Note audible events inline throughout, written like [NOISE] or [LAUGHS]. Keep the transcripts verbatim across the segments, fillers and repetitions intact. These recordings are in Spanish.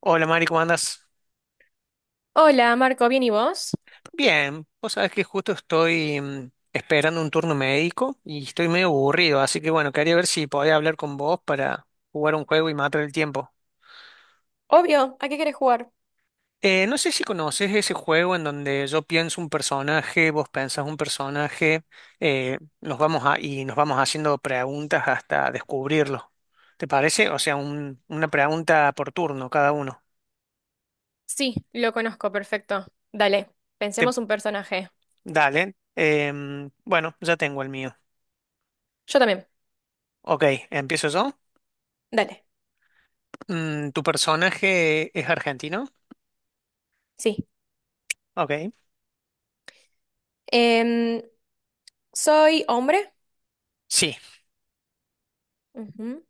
Hola Mari, ¿cómo andas? Hola, Marco, ¿bien y vos? Bien, vos sabés que justo estoy mm, esperando un turno médico y estoy medio aburrido, así que bueno, quería ver si podía hablar con vos para jugar un juego y matar el tiempo. Obvio, ¿a qué querés jugar? Eh, no sé si conoces ese juego en donde yo pienso un personaje, vos pensás un personaje, eh, nos vamos a, y nos vamos haciendo preguntas hasta descubrirlo. ¿Te parece? O sea, un- una pregunta por turno cada uno. Sí, lo conozco, perfecto. Dale, Te- pensemos un personaje. Dale. Em, bueno, ya tengo el mío. Yo también. Ok, empiezo yo. Dale, Mm, ¿tu personaje es argentino? sí. Ok. Em, ¿soy hombre? Sí. Ujú.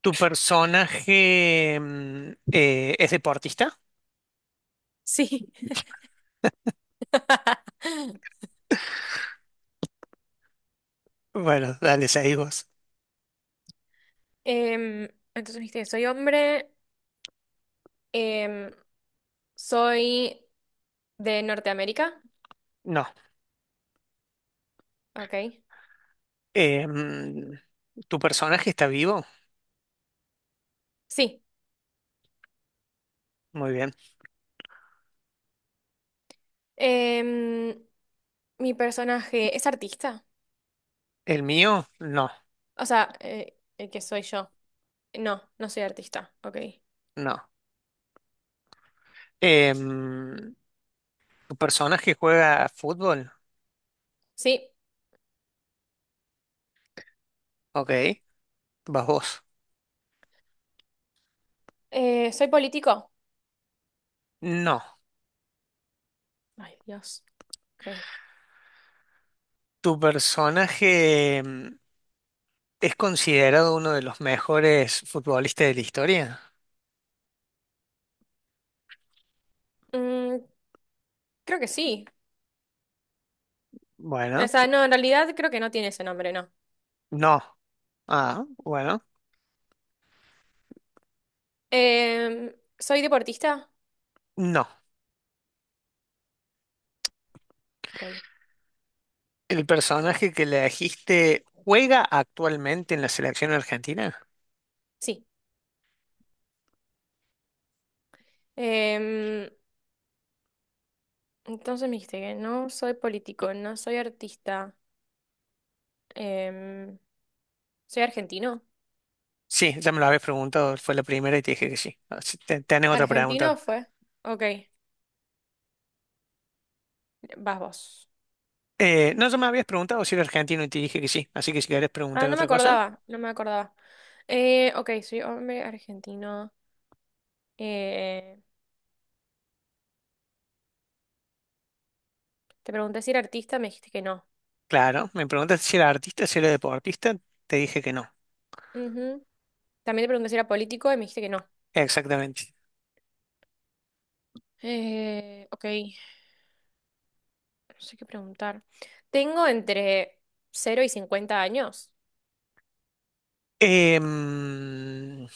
¿Tu personaje mm, eh, es deportista? Sí. [LAUGHS] Bueno, dale, seguí vos. Em, entonces dijiste, soy hombre, em, soy de Norteamérica. No. Ok. Eh, mm, ¿Tu personaje está vivo? Sí. Muy bien. Em, mi personaje es artista. ¿El mío? No, O sea, eh, el que soy yo. No, no soy artista. Ok. no. Eh, mm, ¿Tu personaje juega fútbol? Sí. Ok. ¿Vas vos? Eh, ¿soy político? No. Ay, Dios. Ok. ¿Tu personaje mm, es considerado uno de los mejores futbolistas de la historia? Mm, creo que sí. O Bueno, sea, no, en realidad creo que no tiene ese nombre, no. no. Ah, bueno. Em, ¿soy deportista? No. Ok. ¿El personaje que le elegiste juega actualmente en la selección argentina? Sí. Em, entonces me dijiste que no soy político, no soy artista. Em, ¿soy argentino? Sí, ya me lo habías preguntado, fue la primera y te dije que sí. Así te- ¿tenés otra ¿Argentino pregunta? fue? Ok. Vas vos. Eh, no, ya me habías preguntado si era argentino y te dije que sí. Así que si querés Ah, preguntar no me otra cosa, acordaba, no me acordaba. Eh, ok, soy hombre argentino. Eh, te pregunté si era artista, me dijiste que no. claro, me preguntaste si era artista, si era deportista, te dije que no. Ujú. También te pregunté si era político y me dijiste que no. Exactamente. Eh, ok, no sé qué preguntar. Tengo entre cero y cincuenta años. Em,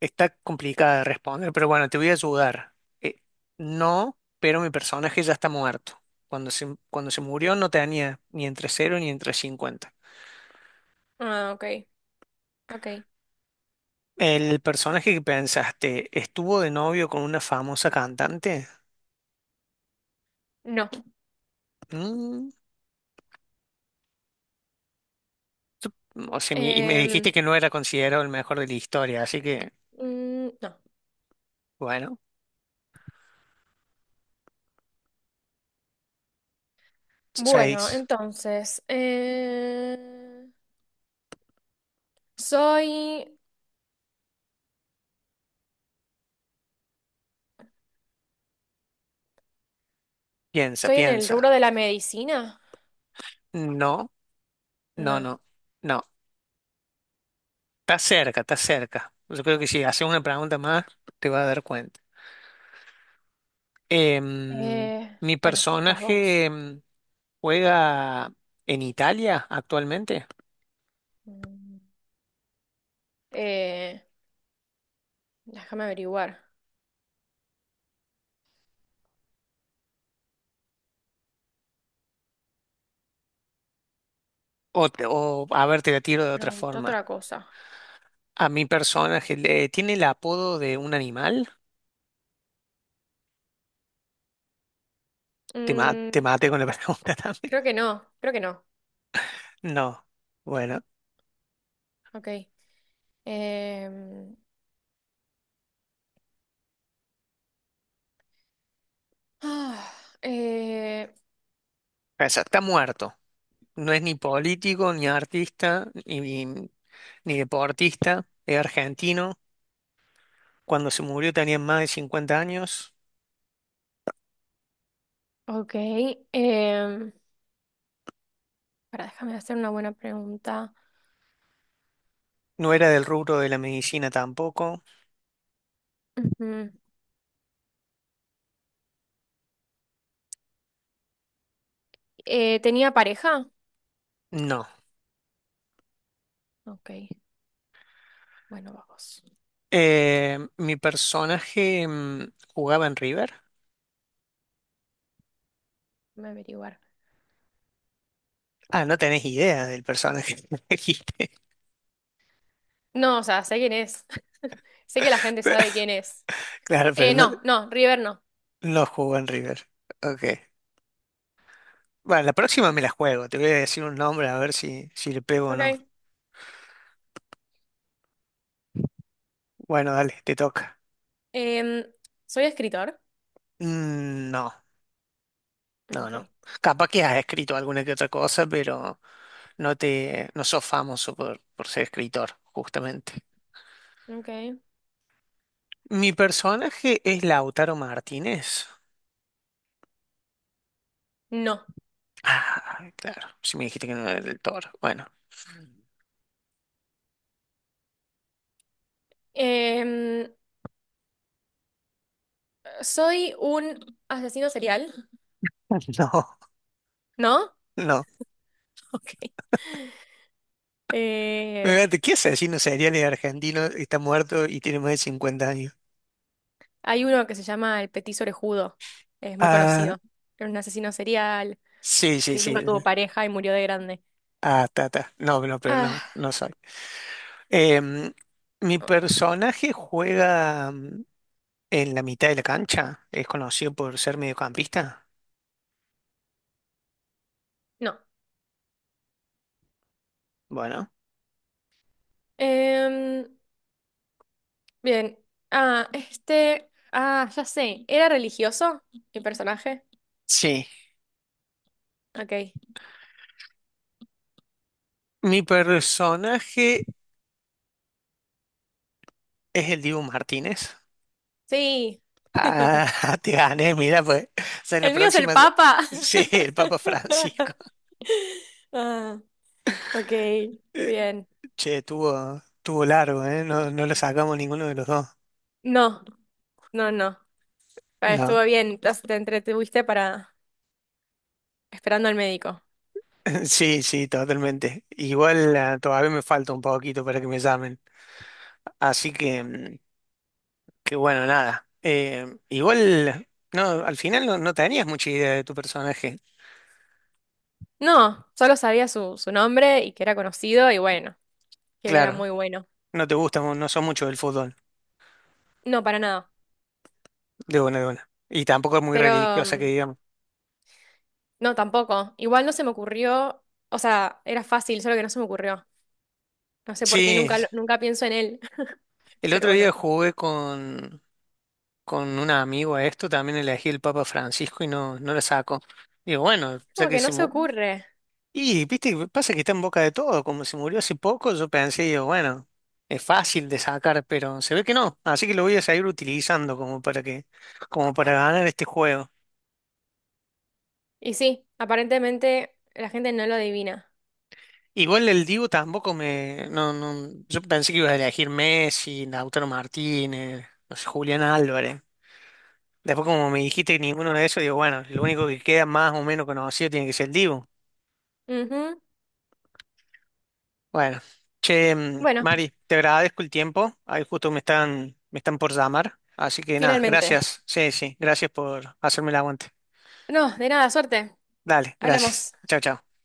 Está complicada de responder, pero bueno, te voy a ayudar. Eh, no, pero mi personaje ya está muerto. Cuando se, cuando se murió no tenía ni entre cero ni entre cincuenta. Ah, ok, ok. ¿El personaje que pensaste estuvo de novio con una famosa cantante? No. Mm, o sea, mi- y me dijiste Em, que no era considerado el mejor de la historia, así que, mm, no. bueno, Bueno, seis. entonces, eh, soy, Piensa, ¿estoy en el rubro piensa. de la medicina? No, no, No. no, no. Está cerca, está cerca. Yo creo que si haces una pregunta más, te vas a dar cuenta. Em, Eh, mi bueno, vas personaje vos. em, juega en Italia actualmente. Mm, eh, déjame averiguar. O, te- o, a ver, te la tiro de otra Pregunta forma. otra cosa. A mi personaje, le, ¿tiene el apodo de un animal? Te, ma- te Mm, maté con la [LAUGHS] pregunta también. creo que no, creo que no. No. Bueno, Ok. Em, ah, eh, o sea, está muerto. No es ni político, ni artista, ni, ni, ni deportista. Es argentino. Cuando se murió tenía más de cincuenta años. ok. em, para, déjame hacer una buena pregunta. No era del rubro de la medicina tampoco. Ujú. Eh, ¿tenía pareja? No. Ok. Bueno, vamos. Eh, mi personaje mm, jugaba en River. Déjame averiguar. Ah, no tenés idea del personaje que [LAUGHS] elegiste. No, o sea, sé quién es. [LAUGHS] Sé que la gente sabe quién es. Claro, pero Eh, no, no, no, River no. no jugó en River. Ok. Bueno, la próxima me la juego. Te voy a decir un nombre a ver si, si le pego o no. Ok. Bueno, dale, te toca. Em, ¿soy escritor? Mm, no, no, Ok. no. Capaz que has escrito alguna que otra cosa, pero no te, no sos famoso por, por ser escritor, justamente. Ok. Mi personaje es Lautaro Martínez. No. Ah, claro. Si me dijiste que no era del Toro. Bueno, Em, ¿soy un asesino serial? [LAUGHS] No, ¿No? no. [LAUGHS] Ok. Eh, Fíjate, ¿qué asesino serial es argentino? Está muerto y tiene más de cincuenta años. hay uno que se llama el Petit Orejudo, es muy Ah, conocido. Era un asesino serial sí, sí, que sí. nunca tuvo pareja y murió de grande. Ah, ta, ta. No, no, pero no, Ah, no soy. Em, Mi personaje juega mm, en la mitad de la cancha. Es conocido por ser mediocampista. no. Bueno, Em, bien. Ah, este. Ah, ya sé. ¿Era religioso mi personaje? sí. Ok. Mi personaje es el Dibu Martínez. Sí. [LAUGHS] Ah, [LAUGHS] te gané, mira, pues. O sea, en la El mío es el próxima. Papa. Sí, el Papa Francisco. [LAUGHS] Ah, ok. Bien. Che, tuvo, tuvo largo, ¿eh? No, no lo sacamos ninguno de los dos. No, no, no. Ah, No. estuvo bien. Te te entretuviste para esperando al médico. [LAUGHS] Sí, sí, totalmente. Igual ah, todavía me falta un poquito para que me llamen. Así que, mm, que bueno, nada. Eh, igual, no, al final no, no tenías mucha idea de tu personaje. No, solo sabía su, su nombre y que era conocido y bueno, que él era Claro, muy bueno. no te gusta, mu- no son mucho del fútbol, No, para nada. de buena de buena. Y tampoco es muy Pero religiosa que mm, digamos. no, tampoco. Igual no se me ocurrió, o sea, era fácil, solo que no se me ocurrió. No sé por qué Sí, nunca, lo- nunca pienso en él, [LAUGHS] el pero otro día bueno, jugué con, con un amigo a esto, también elegí el Papa Francisco y no, no lo saco. Digo, bueno, ya como que que se no se mu- ocurre. Y, viste, que pasa que está en boca de todo. Como se murió hace poco, yo pensé, digo, bueno, es fácil de sacar, pero se ve que no. Así que lo voy a seguir utilizando como para que, como para ganar este juego. Y sí, aparentemente la gente no lo adivina. Igual el Dibu tampoco me, no, no, yo pensé que ibas a elegir Messi, Lautaro Martínez, no sé, Julián Álvarez. Después como me dijiste que ninguno de esos, digo, bueno, lo único que queda más o menos conocido tiene que ser el Dibu. Ujú. Bueno, che, mm, Bueno, Mari, te agradezco el tiempo. Ahí justo me están, me están por llamar. Así que nada, finalmente. gracias. Sí, sí, gracias por hacerme el aguante. No, de nada, suerte. Dale, gracias. Hablamos. Chao, chao.